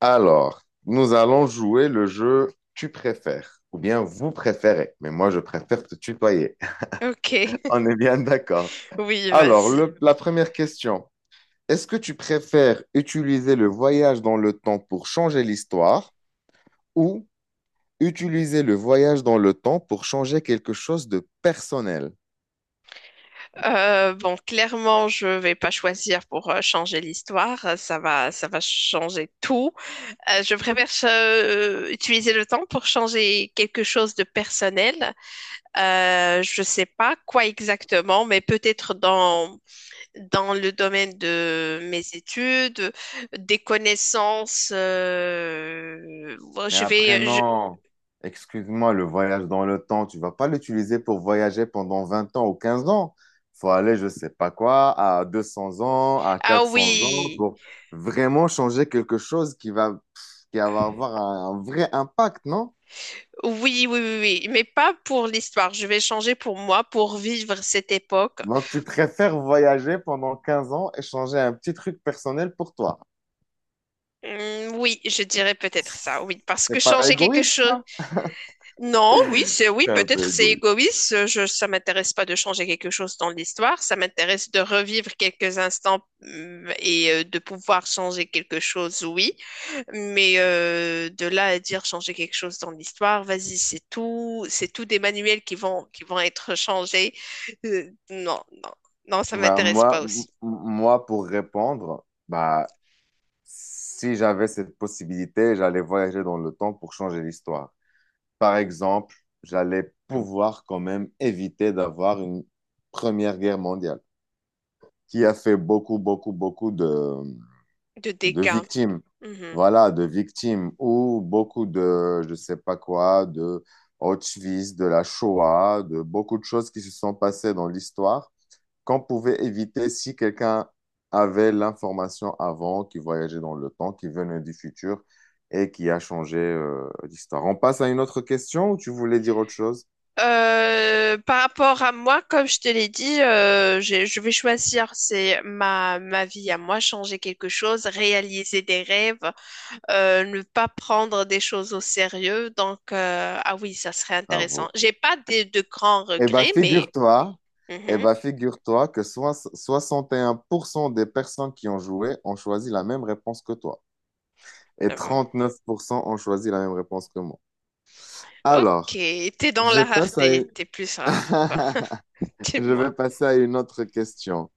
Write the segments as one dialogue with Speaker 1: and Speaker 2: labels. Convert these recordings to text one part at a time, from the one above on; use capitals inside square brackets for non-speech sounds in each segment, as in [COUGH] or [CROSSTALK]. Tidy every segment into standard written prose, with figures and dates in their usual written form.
Speaker 1: Alors, nous allons jouer le jeu Tu préfères ou bien vous préférez, mais moi je préfère te tutoyer.
Speaker 2: Ok,
Speaker 1: [LAUGHS] On
Speaker 2: [LAUGHS]
Speaker 1: est bien d'accord.
Speaker 2: oui,
Speaker 1: Alors,
Speaker 2: vas-y.
Speaker 1: la première question, est-ce que tu préfères utiliser le voyage dans le temps pour changer l'histoire ou utiliser le voyage dans le temps pour changer quelque chose de personnel?
Speaker 2: Clairement, je vais pas choisir pour changer l'histoire. Ça va changer tout. Je préfère utiliser le temps pour changer quelque chose de personnel. Je sais pas quoi exactement, mais peut-être dans le domaine de mes études, des connaissances.
Speaker 1: Mais après, non. Excuse-moi, le voyage dans le temps, tu vas pas l'utiliser pour voyager pendant 20 ans ou 15 ans. Faut aller, je sais pas quoi, à 200 ans, à
Speaker 2: Ah
Speaker 1: 400 ans,
Speaker 2: oui.
Speaker 1: pour vraiment changer quelque chose qui va avoir un vrai impact, non?
Speaker 2: Oui, oui, oui, oui, mais pas pour l'histoire. Je vais changer pour moi, pour vivre cette époque.
Speaker 1: Donc, tu préfères voyager pendant 15 ans et changer un petit truc personnel pour toi.
Speaker 2: Oui, je dirais peut-être ça, oui, parce que
Speaker 1: C'est pas
Speaker 2: changer quelque
Speaker 1: égoïste,
Speaker 2: chose.
Speaker 1: ça?
Speaker 2: Non, oui, c'est oui,
Speaker 1: C'est un peu
Speaker 2: peut-être c'est
Speaker 1: égoïste.
Speaker 2: égoïste. Je, ça m'intéresse pas de changer quelque chose dans l'histoire. Ça m'intéresse de revivre quelques instants et de pouvoir changer quelque chose, oui. Mais de là à dire changer quelque chose dans l'histoire, vas-y, c'est tout des manuels qui vont être changés. Euh, non, non, non, ça
Speaker 1: Bah,
Speaker 2: m'intéresse
Speaker 1: moi,
Speaker 2: pas
Speaker 1: m-
Speaker 2: aussi.
Speaker 1: moi, pour répondre, bah, si j'avais cette possibilité, j'allais voyager dans le temps pour changer l'histoire. Par exemple, j'allais pouvoir quand même éviter d'avoir une Première Guerre mondiale qui a fait beaucoup, beaucoup, beaucoup de,
Speaker 2: De
Speaker 1: de
Speaker 2: dégâts.
Speaker 1: victimes.
Speaker 2: Mhm.
Speaker 1: Voilà, de victimes ou beaucoup de, je sais pas quoi, de Auschwitz, de la Shoah, de beaucoup de choses qui se sont passées dans l'histoire qu'on pouvait éviter si quelqu'un avait l'information avant, qui voyageait dans le temps, qui venait du futur et qui a changé l'histoire. On passe à une autre question ou tu voulais dire autre chose?
Speaker 2: Par rapport à moi, comme je te l'ai dit, je vais choisir, c'est ma, ma vie à moi, changer quelque chose, réaliser des rêves, ne pas prendre des choses au sérieux. Donc, ah oui, ça serait intéressant.
Speaker 1: Bravo.
Speaker 2: J'ai pas de, de grands
Speaker 1: Eh bien,
Speaker 2: regrets, mais
Speaker 1: figure-toi, eh
Speaker 2: mhm.
Speaker 1: ben, figure-toi que soixante et un pour cent des personnes qui ont joué ont choisi la même réponse que toi et
Speaker 2: Euh,
Speaker 1: 39% ont choisi la même réponse que moi. Alors,
Speaker 2: ok, t'es dans
Speaker 1: je
Speaker 2: la
Speaker 1: passe à
Speaker 2: rareté,
Speaker 1: une-
Speaker 2: t'es plus rare, quoi. [LAUGHS]
Speaker 1: [LAUGHS] je
Speaker 2: Dis-moi.
Speaker 1: vais passer à une autre question.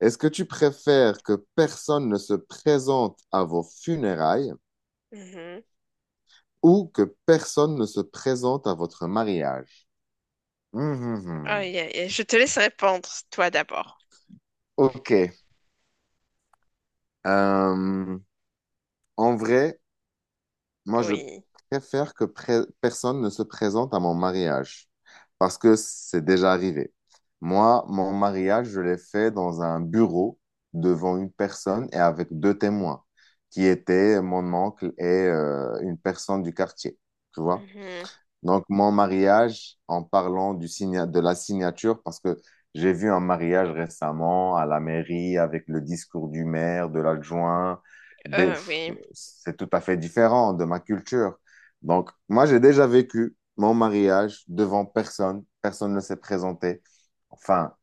Speaker 1: Est-ce que tu préfères que personne ne se présente à vos funérailles
Speaker 2: Mhm.
Speaker 1: ou que personne ne se présente à votre mariage? Hum, hum, hum.
Speaker 2: Aïe, aïe, aïe. Je te laisse répondre, toi d'abord.
Speaker 1: Ok. Euh, en vrai, moi, je
Speaker 2: Oui.
Speaker 1: préfère que personne ne se présente à mon mariage parce que c'est déjà arrivé. Moi, mon mariage, je l'ai fait dans un bureau devant une personne et avec deux témoins qui étaient mon oncle et une personne du quartier. Tu vois?
Speaker 2: Mhm.
Speaker 1: Donc, mon mariage, en parlant de la signature, parce que j'ai vu un mariage récemment à la mairie avec le discours du maire, de l'adjoint. des- pff,
Speaker 2: Oui.
Speaker 1: C'est tout à fait différent de ma culture. Donc, moi, j'ai déjà vécu mon mariage devant personne. Personne ne s'est présenté. Enfin,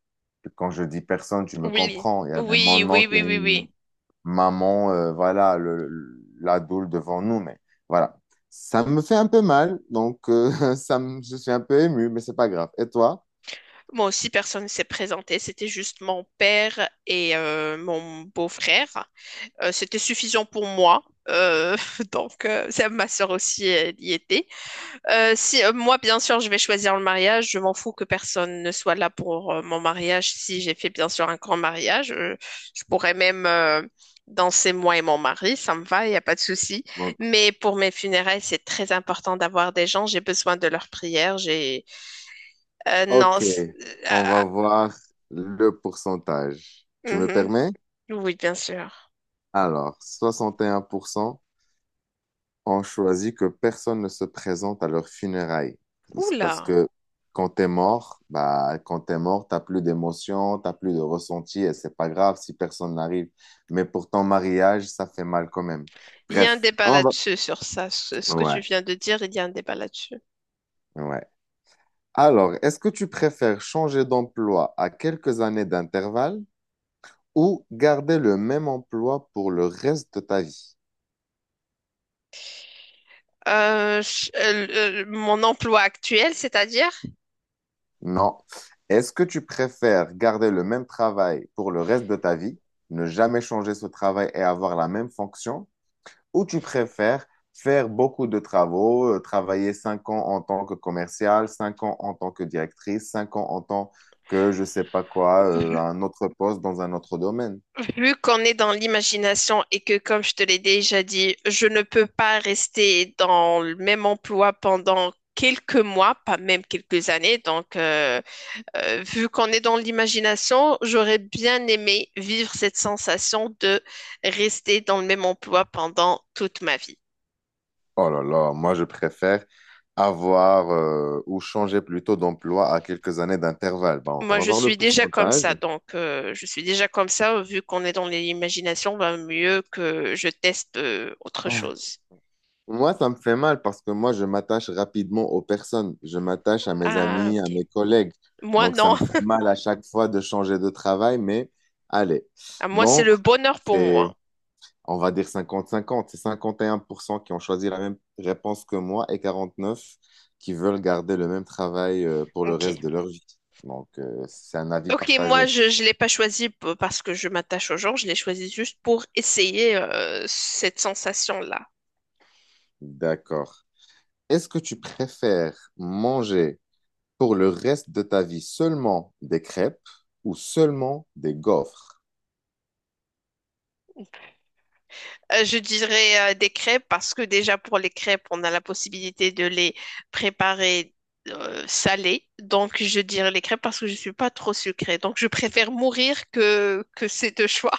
Speaker 1: quand je dis personne, tu me
Speaker 2: Oui.
Speaker 1: comprends. Il y avait
Speaker 2: Oui,
Speaker 1: mon
Speaker 2: oui,
Speaker 1: oncle
Speaker 2: oui,
Speaker 1: et
Speaker 2: oui, oui.
Speaker 1: maman, voilà, la doule devant nous, mais voilà. Ça me fait un peu mal, donc [LAUGHS] je suis un peu ému, mais c'est pas grave. Et toi?
Speaker 2: Moi aussi, personne ne s'est présenté. C'était juste mon père et mon beau-frère. C'était suffisant pour moi. Euh, [LAUGHS] donc, ça, ma soeur aussi, elle y était. Si, moi, bien sûr, je vais choisir le mariage. Je m'en fous que personne ne soit là pour mon mariage. Si j'ai fait, bien sûr, un grand mariage, je pourrais même danser moi et mon mari. Ça me va, il n'y a pas de souci.
Speaker 1: Donc,
Speaker 2: Mais pour mes funérailles, c'est très important d'avoir des gens. J'ai besoin de leurs prières. J'ai... non.
Speaker 1: ok, on va voir le pourcentage. Tu me permets?
Speaker 2: Mhm. Oui, bien sûr.
Speaker 1: Alors, soixante et un pour cent ont choisi que personne ne se présente à leurs funérailles. C'est parce
Speaker 2: Oula.
Speaker 1: que quand t'es mort, bah, quand t'es mort, t'as plus d'émotion, t'as plus de ressenti et c'est pas grave si personne n'arrive. Mais pour ton mariage, ça fait mal quand même.
Speaker 2: Il y a un
Speaker 1: Bref,
Speaker 2: débat
Speaker 1: on va.
Speaker 2: là-dessus sur ça. Ce que tu
Speaker 1: Ouais,
Speaker 2: viens de dire, il y a un débat là-dessus.
Speaker 1: ouais. Alors, est-ce que tu préfères changer d'emploi à quelques années d'intervalle ou garder le même emploi pour le reste de ta vie?
Speaker 2: Mon emploi actuel, c'est-à-dire?
Speaker 1: Non. Est-ce que tu préfères garder le même travail pour le reste de ta vie, ne jamais changer ce travail et avoir la même fonction, ou tu préfères faire beaucoup de travaux, travailler 5 ans en tant que commercial, 5 ans en tant que directrice, 5 ans en tant que je sais pas quoi, un autre poste dans un autre domaine?
Speaker 2: Vu qu'on est dans l'imagination et que, comme je te l'ai déjà dit, je ne peux pas rester dans le même emploi pendant quelques mois, pas même quelques années. Vu qu'on est dans l'imagination, j'aurais bien aimé vivre cette sensation de rester dans le même emploi pendant toute ma vie.
Speaker 1: Oh là là, moi je préfère avoir ou changer plutôt d'emploi à quelques années d'intervalle. Bon, on
Speaker 2: Moi,
Speaker 1: va
Speaker 2: je
Speaker 1: voir le
Speaker 2: suis déjà comme
Speaker 1: pourcentage.
Speaker 2: ça, donc je suis déjà comme ça. Vu qu'on est dans l'imagination, ben, mieux que je teste autre
Speaker 1: [LAUGHS]
Speaker 2: chose.
Speaker 1: Moi, ça me fait mal parce que moi, je m'attache rapidement aux personnes. Je m'attache à mes
Speaker 2: Ah,
Speaker 1: amis, à
Speaker 2: ok.
Speaker 1: mes collègues.
Speaker 2: Moi,
Speaker 1: Donc, ça
Speaker 2: non.
Speaker 1: me fait mal à chaque fois de changer de travail, mais allez.
Speaker 2: Ah, moi, c'est
Speaker 1: Donc,
Speaker 2: le bonheur pour
Speaker 1: c'est,
Speaker 2: moi.
Speaker 1: on va dire cinquante-cinquante. C'est 51% qui ont choisi la même réponse que moi et 49% qui veulent garder le même travail pour le
Speaker 2: Ok.
Speaker 1: reste de leur vie. Donc, c'est un avis
Speaker 2: Ok,
Speaker 1: partagé.
Speaker 2: moi, je ne l'ai pas choisi parce que je m'attache au genre, je l'ai choisi juste pour essayer cette sensation-là.
Speaker 1: D'accord. Est-ce que tu préfères manger pour le reste de ta vie seulement des crêpes ou seulement des gaufres?
Speaker 2: Je dirais des crêpes parce que déjà pour les crêpes, on a la possibilité de les préparer salées. Donc, je dirais les crêpes parce que je ne suis pas trop sucrée. Donc, je préfère mourir que ces deux choix.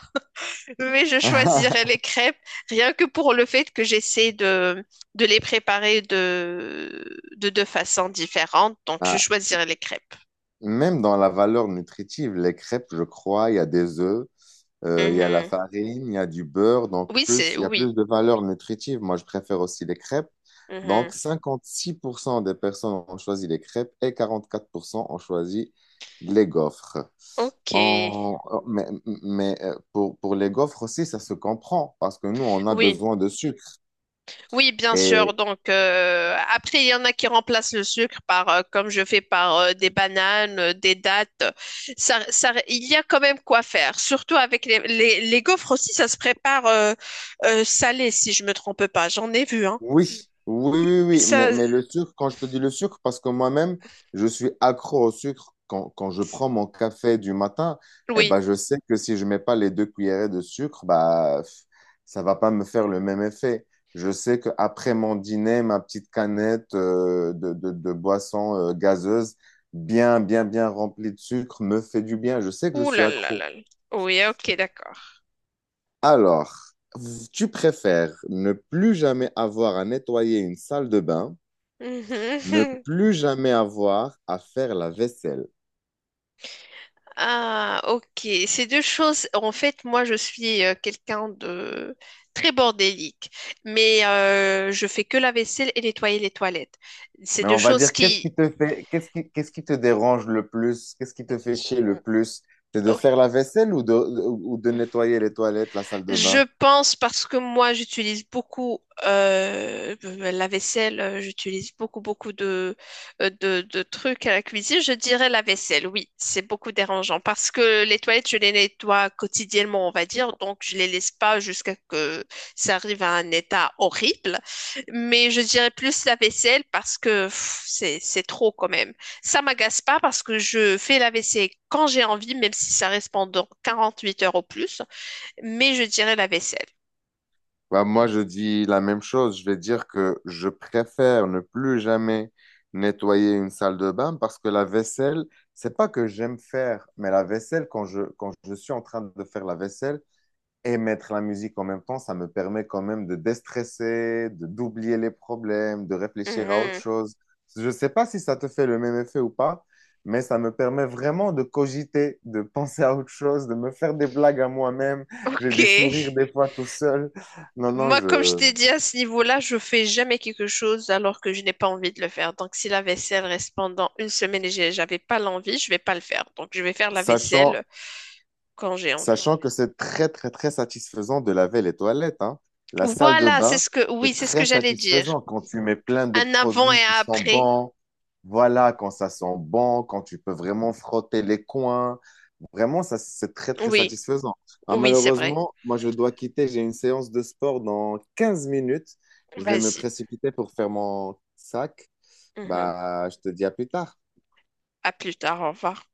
Speaker 2: Mais je choisirais les
Speaker 1: [LAUGHS]
Speaker 2: crêpes rien que pour le fait que j'essaie de les préparer de deux façons différentes. Donc, je
Speaker 1: Ah,
Speaker 2: choisirais les crêpes.
Speaker 1: même dans la valeur nutritive, les crêpes, je crois, il y a des œufs, il y a la
Speaker 2: Mhm.
Speaker 1: farine, il y a du beurre, donc
Speaker 2: Oui,
Speaker 1: plus,
Speaker 2: c'est
Speaker 1: il y a
Speaker 2: oui.
Speaker 1: plus de valeur nutritive. Moi, je préfère aussi les crêpes. Donc,
Speaker 2: Mhm.
Speaker 1: 56% des personnes ont choisi les crêpes et 44% ont choisi les gaufres.
Speaker 2: Ok.
Speaker 1: En- Mais, mais, pour les gaufres aussi, ça se comprend parce que nous, on a
Speaker 2: Oui,
Speaker 1: besoin de sucre.
Speaker 2: oui, bien sûr. Donc, après, il y en a qui remplacent le sucre par, comme je fais, par des bananes, des dattes. Ça, il y a quand même quoi faire. Surtout avec les gaufres aussi, ça se prépare salé, si je me trompe pas. J'en ai vu, hein.
Speaker 1: Oui, oui, oui, oui, oui. mais,
Speaker 2: Ça,
Speaker 1: mais le sucre, quand je te dis le sucre, parce que moi-même, je suis accro au sucre. Quand, quand je prends mon café du matin, eh
Speaker 2: oui.
Speaker 1: ben, je sais que si je mets pas les 2 cuillerées de sucre, bah, ça va pas me faire le même effet. Je sais qu'après mon dîner, ma petite canette de boisson gazeuse, bien, bien, bien remplie de sucre, me fait du bien. Je sais que je
Speaker 2: Ouh
Speaker 1: suis
Speaker 2: là là
Speaker 1: accro.
Speaker 2: là. Là. Oui, ok, d'accord.
Speaker 1: Alors, tu préfères ne plus jamais avoir à nettoyer une salle de bain,
Speaker 2: Mhm.
Speaker 1: ne
Speaker 2: [LAUGHS]
Speaker 1: plus jamais avoir à faire la vaisselle.
Speaker 2: Ah, ok. Ces deux choses, en fait, moi, je suis quelqu'un de très bordélique, mais je fais que la vaisselle et nettoyer les toilettes. C'est
Speaker 1: Mais
Speaker 2: deux
Speaker 1: on va
Speaker 2: choses
Speaker 1: dire,
Speaker 2: qui.
Speaker 1: qu'est-ce qui te dérange le plus? Qu'est-ce qui te fait chier le plus? C'est de faire la vaisselle ou de nettoyer les toilettes, la salle de
Speaker 2: Je
Speaker 1: bain?
Speaker 2: pense parce que moi j'utilise beaucoup la vaisselle, j'utilise beaucoup de, de trucs à la cuisine. Je dirais la vaisselle, oui, c'est beaucoup dérangeant parce que les toilettes je les nettoie quotidiennement, on va dire, donc je les laisse pas jusqu'à que ça arrive à un état horrible. Mais je dirais plus la vaisselle parce que pff, c'est trop quand même. Ça m'agace pas parce que je fais la vaisselle quand j'ai envie, même si ça reste pendant 48 heures au plus, mais je dirais la vaisselle.
Speaker 1: Bah, moi, je dis la même chose. Je vais dire que je préfère ne plus jamais nettoyer une salle de bain parce que la vaisselle, c'est pas que j'aime faire, mais la vaisselle, quand je suis en train de faire la vaisselle, et mettre la musique en même temps, ça me permet quand même de déstresser, de d'oublier les problèmes, de réfléchir à autre
Speaker 2: Mhm.
Speaker 1: chose. Je ne sais pas si ça te fait le même effet ou pas, mais ça me permet vraiment de cogiter, de penser à autre chose, de me faire des blagues à moi-même. J'ai des sourires
Speaker 2: Ok.
Speaker 1: des fois tout seul. Non, non,
Speaker 2: Moi, comme je
Speaker 1: je.
Speaker 2: t'ai dit, à ce niveau-là, je fais jamais quelque chose alors que je n'ai pas envie de le faire. Donc, si la vaisselle reste pendant une semaine et j'avais pas l'envie, je vais pas le faire. Donc, je vais faire la
Speaker 1: sachant
Speaker 2: vaisselle quand j'ai envie.
Speaker 1: Sachant que c'est très, très, très satisfaisant de laver les toilettes, hein. La salle de
Speaker 2: Voilà, c'est
Speaker 1: bain,
Speaker 2: ce que, oui,
Speaker 1: c'est
Speaker 2: c'est ce que
Speaker 1: très
Speaker 2: j'allais dire.
Speaker 1: satisfaisant quand tu mets plein de
Speaker 2: Un avant
Speaker 1: produits
Speaker 2: et
Speaker 1: qui
Speaker 2: un
Speaker 1: sont
Speaker 2: après.
Speaker 1: bons. Voilà, quand ça sent bon, quand tu peux vraiment frotter les coins. Vraiment, ça, c'est très, très
Speaker 2: Oui,
Speaker 1: satisfaisant. Ah,
Speaker 2: oui, c'est vrai.
Speaker 1: malheureusement, moi, je dois quitter. J'ai une séance de sport dans 15 minutes. Je vais me
Speaker 2: Vas-y.
Speaker 1: précipiter pour faire mon sac.
Speaker 2: Mhm.
Speaker 1: Bah, je te dis à plus tard.
Speaker 2: À plus tard, au revoir.